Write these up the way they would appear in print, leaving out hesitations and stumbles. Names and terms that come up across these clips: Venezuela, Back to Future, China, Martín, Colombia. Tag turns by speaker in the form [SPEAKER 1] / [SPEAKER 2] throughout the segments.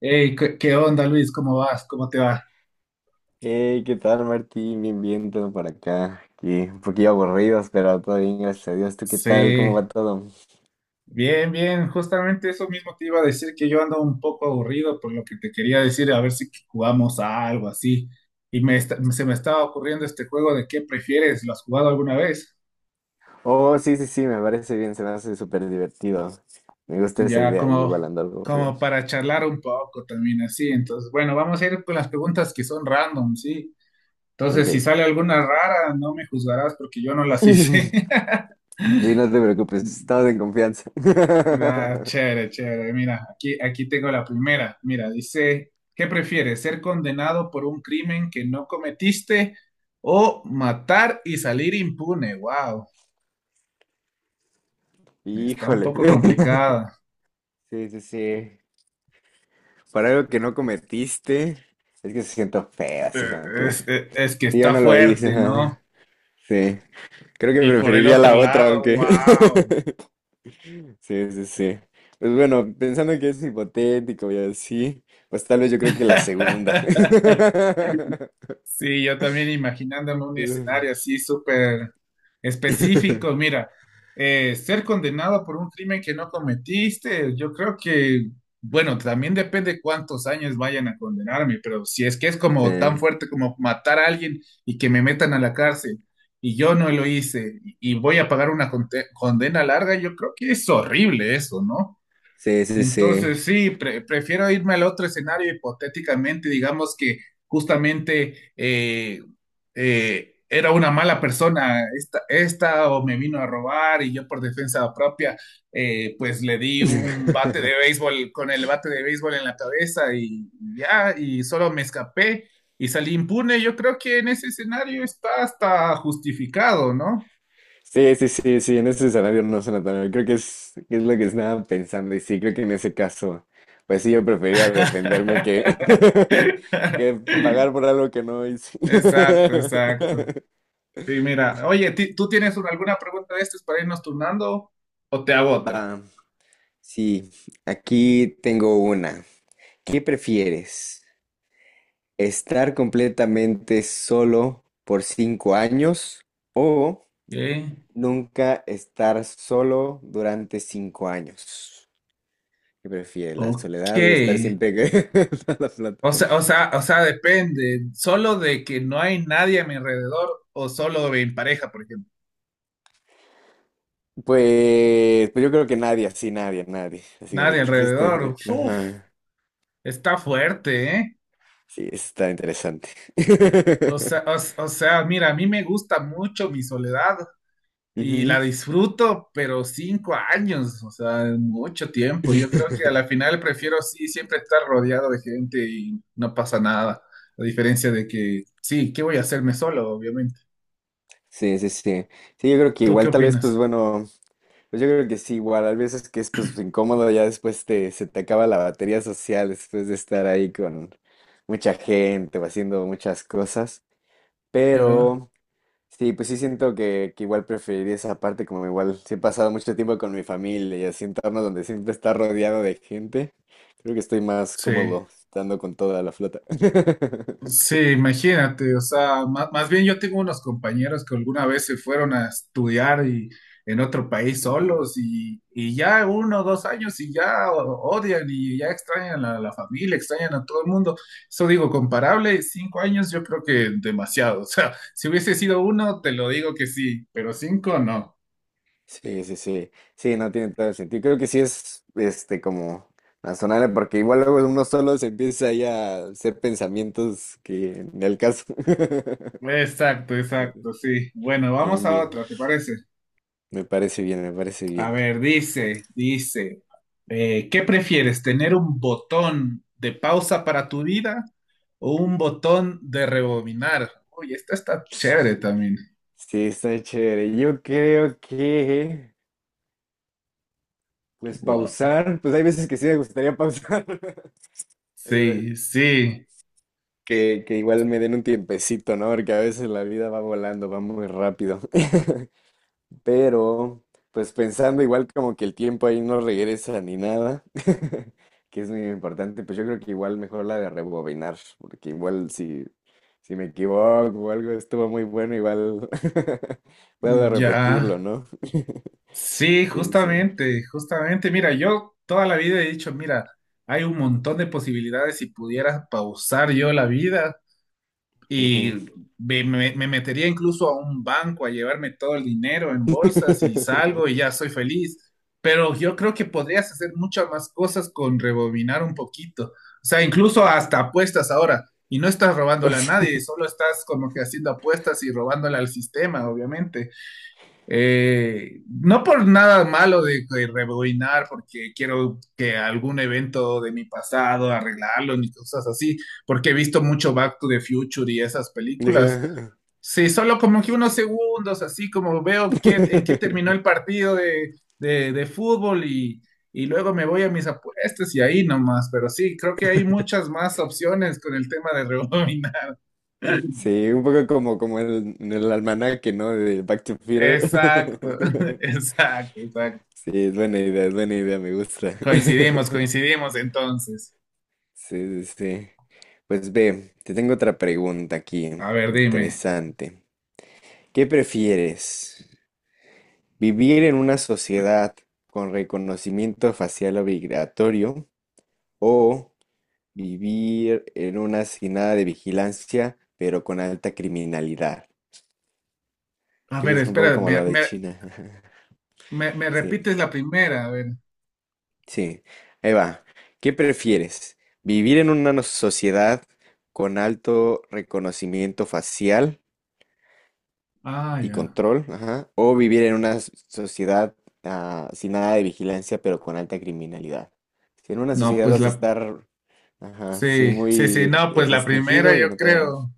[SPEAKER 1] Hey, ¿qué onda, Luis? ¿Cómo vas? ¿Cómo te va?
[SPEAKER 2] Hey, ¿qué tal, Martín? Bien, bien, todo por acá. Aquí, un poquillo aburridos, pero todo bien, gracias a Dios. ¿Tú qué tal? ¿Cómo
[SPEAKER 1] Sí,
[SPEAKER 2] va todo?
[SPEAKER 1] bien, bien. Justamente eso mismo te iba a decir que yo ando un poco aburrido por lo que te quería decir, a ver si jugamos a algo así. Y se me estaba ocurriendo este juego de qué prefieres. ¿Lo has jugado alguna vez?
[SPEAKER 2] Oh, sí, sí, sí, me parece bien, se me hace súper divertido. Me gusta esa
[SPEAKER 1] Ya
[SPEAKER 2] idea, yo
[SPEAKER 1] como,
[SPEAKER 2] igual ando algo aburrido.
[SPEAKER 1] como para charlar un poco también así. Entonces, bueno, vamos a ir con las preguntas que son random, ¿sí? Entonces, si
[SPEAKER 2] Ok.
[SPEAKER 1] sale alguna rara, no me juzgarás porque yo no las hice.
[SPEAKER 2] Sí, no te preocupes, estamos en confianza.
[SPEAKER 1] Ah, chévere, chévere. Mira, aquí tengo la primera. Mira, dice, ¿qué prefieres? ¿Ser condenado por un crimen que no cometiste o matar y salir impune? Wow, está un
[SPEAKER 2] Híjole.
[SPEAKER 1] poco complicada.
[SPEAKER 2] Sí, sí, sí. Para algo que no cometiste, es que se siento feo, así
[SPEAKER 1] Eh,
[SPEAKER 2] como que
[SPEAKER 1] es que
[SPEAKER 2] yo
[SPEAKER 1] está
[SPEAKER 2] no lo hice.
[SPEAKER 1] fuerte,
[SPEAKER 2] Ajá.
[SPEAKER 1] ¿no?
[SPEAKER 2] Sí. Creo que
[SPEAKER 1] Y por el
[SPEAKER 2] preferiría
[SPEAKER 1] otro
[SPEAKER 2] la otra,
[SPEAKER 1] lado,
[SPEAKER 2] aunque.
[SPEAKER 1] wow.
[SPEAKER 2] Sí, sí, sí. Pues bueno, pensando que es hipotético y así, pues tal vez yo creo que la segunda.
[SPEAKER 1] Sí, yo también imaginándome un escenario así súper específico. Mira, ser condenado por un crimen que no cometiste, yo creo que, bueno, también depende cuántos años vayan a condenarme, pero si es que es
[SPEAKER 2] Sí,
[SPEAKER 1] como tan fuerte como matar a alguien y que me metan a la cárcel y yo no lo hice y voy a pagar una condena larga, yo creo que es horrible eso, ¿no?
[SPEAKER 2] sí, sí, sí.
[SPEAKER 1] Entonces, sí, prefiero irme al otro escenario hipotéticamente, digamos que justamente era una mala persona esta o me vino a robar y yo por defensa propia, pues le di un bate de béisbol con el bate de béisbol en la cabeza y ya, y solo me escapé y salí impune. Yo creo que en ese escenario está hasta justificado, ¿no?
[SPEAKER 2] Sí, sí, sí, sí, en ese escenario no suena tan mal. Creo que es lo que estaba pensando y sí, creo que en ese caso, pues sí, yo prefería defenderme que, que pagar por algo que no hice.
[SPEAKER 1] Exacto, exacto. Sí, mira, oye, ¿tú tienes alguna pregunta de estas para irnos turnando o te hago otra?
[SPEAKER 2] Va, sí, aquí tengo una. ¿Qué prefieres? ¿Estar completamente solo por 5 años o
[SPEAKER 1] ¿Qué?
[SPEAKER 2] nunca estar solo durante 5 años? ¿Qué prefieres? ¿La
[SPEAKER 1] Ok.
[SPEAKER 2] soledad o estar siempre toda la plata?
[SPEAKER 1] O sea, depende. Solo de que no hay nadie a mi alrededor o solo en pareja, por ejemplo.
[SPEAKER 2] Pues, pues yo creo que nadie, así nadie, nadie. Así que
[SPEAKER 1] Nadie
[SPEAKER 2] tú fuiste.
[SPEAKER 1] alrededor. Uf,
[SPEAKER 2] Ajá.
[SPEAKER 1] está fuerte, ¿eh?
[SPEAKER 2] Sí, eso está interesante.
[SPEAKER 1] O sea, o, o sea, mira, a mí me gusta mucho mi soledad. Y
[SPEAKER 2] Ujú.
[SPEAKER 1] la disfruto, pero 5 años, o sea, es mucho tiempo. Yo creo que a la final prefiero sí siempre estar rodeado de gente y no pasa nada. A diferencia de que, sí, ¿qué voy a hacerme solo, obviamente?
[SPEAKER 2] Sí, sí, sí. Sí, yo creo que
[SPEAKER 1] ¿Tú qué
[SPEAKER 2] igual tal vez, pues
[SPEAKER 1] opinas?
[SPEAKER 2] bueno. Pues yo creo que sí, igual, a veces que es pues incómodo, ya después te, se te acaba la batería social después de estar ahí con mucha gente o haciendo muchas cosas,
[SPEAKER 1] Yo,
[SPEAKER 2] pero sí, pues sí siento que igual preferiría esa parte, como igual sí he pasado mucho tiempo con mi familia y así entornos donde siempre está rodeado de gente, creo que estoy más
[SPEAKER 1] sí.
[SPEAKER 2] cómodo estando con toda la flota.
[SPEAKER 1] Sí, imagínate, o sea, más, bien yo tengo unos compañeros que alguna vez se fueron a estudiar y, en otro país
[SPEAKER 2] Ujú.
[SPEAKER 1] solos y ya 1 o 2 años y ya odian y ya extrañan a la familia, extrañan a todo el mundo. Eso digo, comparable, 5 años yo creo que demasiado, o sea, si hubiese sido uno, te lo digo que sí, pero cinco no.
[SPEAKER 2] Sí, sí, sí. Sí, no tiene todo el sentido. Creo que sí es este como razonable, porque igual luego uno solo se empieza ahí a hacer pensamientos que ni al caso.
[SPEAKER 1] Exacto, exacto, sí. Bueno, vamos
[SPEAKER 2] Bien,
[SPEAKER 1] a
[SPEAKER 2] bien.
[SPEAKER 1] otra, ¿te parece?
[SPEAKER 2] Me parece bien, me parece
[SPEAKER 1] A
[SPEAKER 2] bien.
[SPEAKER 1] ver, dice, ¿qué prefieres, tener un botón de pausa para tu vida o un botón de rebobinar? Uy, esta está chévere también.
[SPEAKER 2] Sí, está chévere. Yo creo que, pues
[SPEAKER 1] Wow.
[SPEAKER 2] pausar, pues hay veces que sí me gustaría pausar. Ay, caray.
[SPEAKER 1] Sí, sí,
[SPEAKER 2] Que igual me den un tiempecito, ¿no? Porque a veces la vida va volando, va muy rápido. Pero, pues pensando igual como que el tiempo ahí no regresa ni nada, que es muy importante, pues yo creo que igual mejor la de rebobinar, porque igual si me equivoco o algo estuvo muy bueno, igual puedo
[SPEAKER 1] ya.
[SPEAKER 2] repetirlo, ¿no?
[SPEAKER 1] Sí,
[SPEAKER 2] Sí, sí.
[SPEAKER 1] justamente, justamente. Mira, yo toda la vida he dicho, mira, hay un montón de posibilidades si pudiera pausar yo la vida. Y
[SPEAKER 2] Ujú.
[SPEAKER 1] me metería incluso a un banco a llevarme todo el dinero en bolsas y salgo y ya soy feliz. Pero yo creo que podrías hacer muchas más cosas con rebobinar un poquito. O sea, incluso hasta apuestas ahora. Y no estás
[SPEAKER 2] O
[SPEAKER 1] robándole a
[SPEAKER 2] sea,
[SPEAKER 1] nadie, solo estás como que haciendo apuestas y robándole al sistema, obviamente. No por nada malo de rebobinar, porque quiero que algún evento de mi pasado arreglarlo ni cosas así, porque he visto mucho Back to the Future y esas películas.
[SPEAKER 2] ajá.
[SPEAKER 1] Sí, solo como que unos segundos, así como veo qué, en qué terminó el partido de fútbol y luego me voy a mis apuestas y ahí nomás, pero sí, creo que hay muchas más opciones con el tema de rebobinar.
[SPEAKER 2] Sí, un poco como, como el, en el almanaque, ¿no? De Back to Future.
[SPEAKER 1] Exacto, exacto, exacto.
[SPEAKER 2] Sí, es buena idea, me gusta.
[SPEAKER 1] Coincidimos, coincidimos entonces.
[SPEAKER 2] Sí, sí, sí. Pues ve, te tengo otra pregunta aquí,
[SPEAKER 1] A ver, dime.
[SPEAKER 2] interesante. ¿Qué prefieres? ¿Vivir en una sociedad con reconocimiento facial obligatorio o vivir en una sin nada de vigilancia, pero con alta criminalidad?
[SPEAKER 1] A
[SPEAKER 2] Creo que
[SPEAKER 1] ver,
[SPEAKER 2] es un poco
[SPEAKER 1] espera,
[SPEAKER 2] como
[SPEAKER 1] me,
[SPEAKER 2] lo de
[SPEAKER 1] me-
[SPEAKER 2] China.
[SPEAKER 1] me- me
[SPEAKER 2] Sí.
[SPEAKER 1] repites la primera, a ver.
[SPEAKER 2] Sí, ahí va. ¿Qué prefieres? ¿Vivir en una sociedad con alto reconocimiento facial
[SPEAKER 1] Ah,
[SPEAKER 2] y
[SPEAKER 1] ya.
[SPEAKER 2] control? Ajá. ¿O vivir en una sociedad sin nada de vigilancia pero con alta criminalidad? Si en una
[SPEAKER 1] No,
[SPEAKER 2] sociedad
[SPEAKER 1] pues
[SPEAKER 2] vas a
[SPEAKER 1] la.
[SPEAKER 2] estar, ajá, sí,
[SPEAKER 1] Sí, sí,
[SPEAKER 2] muy
[SPEAKER 1] sí, no, pues la primera
[SPEAKER 2] restringido y
[SPEAKER 1] yo
[SPEAKER 2] en otra no.
[SPEAKER 1] creo.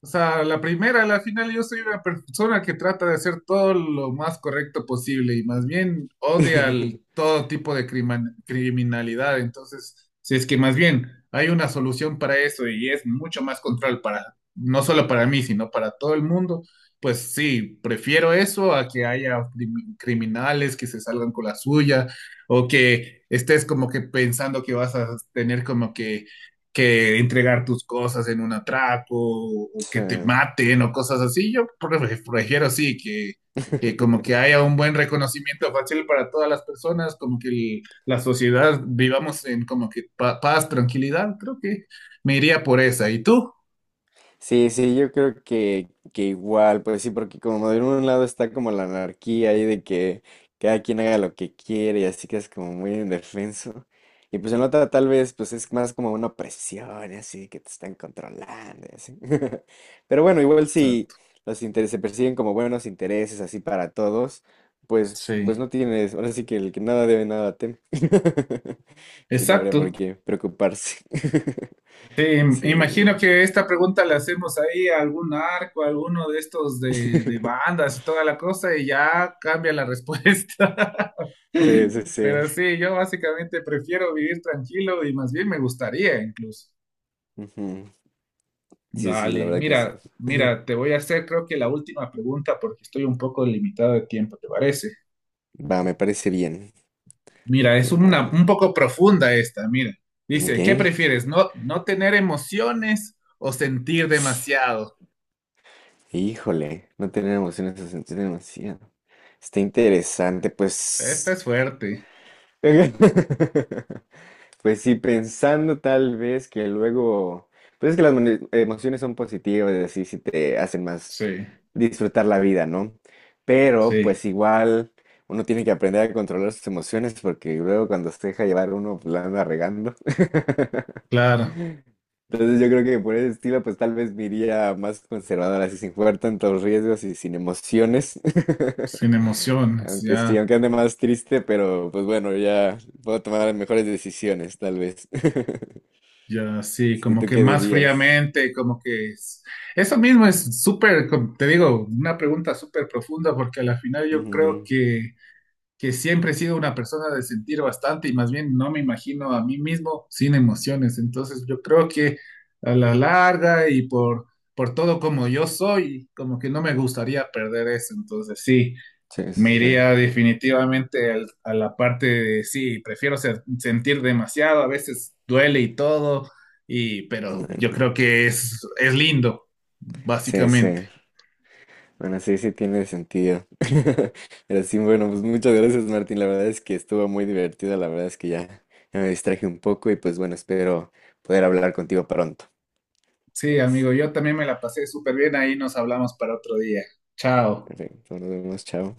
[SPEAKER 1] O sea, la primera, a la final, yo soy una persona que trata de hacer todo lo más correcto posible y más bien odia todo tipo de criminalidad. Entonces, si es que más bien hay una solución para eso y es mucho más control para, no solo para mí, sino para todo el mundo, pues sí, prefiero eso a que haya criminales que se salgan con la suya o que estés como que pensando que vas a tener como que entregar tus cosas en un atraco o que
[SPEAKER 2] Sí.
[SPEAKER 1] te maten o cosas así. Yo prefiero sí que, como que haya un buen reconocimiento fácil para todas las personas, como que la sociedad vivamos en como que paz, tranquilidad. Creo que me iría por esa. ¿Y tú?
[SPEAKER 2] Sí, sí, yo creo que igual, pues sí, porque como de un lado está como la anarquía ahí de que cada quien haga lo que quiere y así que es como muy indefenso. Y pues en la otra tal vez pues es más como una presión y así que te están controlando y así. Pero bueno, igual si
[SPEAKER 1] Exacto.
[SPEAKER 2] los intereses se persiguen como buenos intereses así para todos, pues pues
[SPEAKER 1] Sí.
[SPEAKER 2] no tienes, ahora sí que el que nada debe nada teme. Si no habría por
[SPEAKER 1] Exacto.
[SPEAKER 2] qué preocuparse.
[SPEAKER 1] Sí,
[SPEAKER 2] Sí.
[SPEAKER 1] imagino que esta pregunta la hacemos ahí a algún arco, a alguno de estos de bandas y toda la cosa, y ya cambia la respuesta.
[SPEAKER 2] Sí, sí, sí.
[SPEAKER 1] Pero sí, yo básicamente prefiero vivir tranquilo y más bien me gustaría incluso.
[SPEAKER 2] Ujú. Sí, sí, la
[SPEAKER 1] Dale,
[SPEAKER 2] verdad que sí.
[SPEAKER 1] mira, mira, te voy a hacer creo que la última pregunta porque estoy un poco limitado de tiempo, ¿te parece?
[SPEAKER 2] Va, me parece bien.
[SPEAKER 1] Mira, es
[SPEAKER 2] Me
[SPEAKER 1] una un
[SPEAKER 2] parece-
[SPEAKER 1] poco profunda esta, mira.
[SPEAKER 2] Ok.
[SPEAKER 1] Dice, ¿qué prefieres? ¿No tener emociones o sentir demasiado?
[SPEAKER 2] Híjole, no tener emociones es sentir demasiado. Está interesante,
[SPEAKER 1] Esta
[SPEAKER 2] pues.
[SPEAKER 1] es fuerte.
[SPEAKER 2] Pues sí, pensando tal vez que luego. Pues es que las emociones son positivas, así si te hacen más.
[SPEAKER 1] Sí,
[SPEAKER 2] Disfrutar la vida, ¿no? Pero
[SPEAKER 1] sí,
[SPEAKER 2] pues igual uno tiene que aprender a controlar sus emociones porque luego cuando se deja llevar uno pues, la anda regando.
[SPEAKER 1] claro,
[SPEAKER 2] Entonces yo creo que por ese estilo pues tal vez me iría más conservador, así sin jugar tantos riesgos y sin emociones.
[SPEAKER 1] sin emociones,
[SPEAKER 2] Aunque sí,
[SPEAKER 1] ya,
[SPEAKER 2] aunque ande más triste, pero pues bueno, ya puedo tomar las mejores decisiones tal vez.
[SPEAKER 1] ya, sí,
[SPEAKER 2] Sí,
[SPEAKER 1] como
[SPEAKER 2] ¿tú
[SPEAKER 1] que
[SPEAKER 2] qué
[SPEAKER 1] más
[SPEAKER 2] dirías?
[SPEAKER 1] fríamente, como que eso mismo es súper, te digo, una pregunta súper profunda, porque a la final yo creo
[SPEAKER 2] Ujú.
[SPEAKER 1] que, siempre he sido una persona de sentir bastante y más bien no me imagino a mí mismo sin emociones, entonces yo creo que a la larga y por todo como yo soy, como que no me gustaría perder eso, entonces sí.
[SPEAKER 2] Sí,
[SPEAKER 1] Me
[SPEAKER 2] sí, sí.
[SPEAKER 1] iría definitivamente a la parte de sí, prefiero sentir demasiado, a veces duele y todo, y
[SPEAKER 2] Bueno,
[SPEAKER 1] pero yo creo
[SPEAKER 2] ujú.
[SPEAKER 1] que es lindo,
[SPEAKER 2] Sí,
[SPEAKER 1] básicamente.
[SPEAKER 2] sí. Bueno, sí, sí tiene sentido. Pero sí, bueno, pues muchas gracias, Martín. La verdad es que estuvo muy divertido. La verdad es que ya, ya me distraje un poco y pues bueno, espero poder hablar contigo pronto.
[SPEAKER 1] Sí, amigo, yo también me la pasé súper bien, ahí nos hablamos para otro día. Chao.
[SPEAKER 2] Perfecto, nos vemos, chao.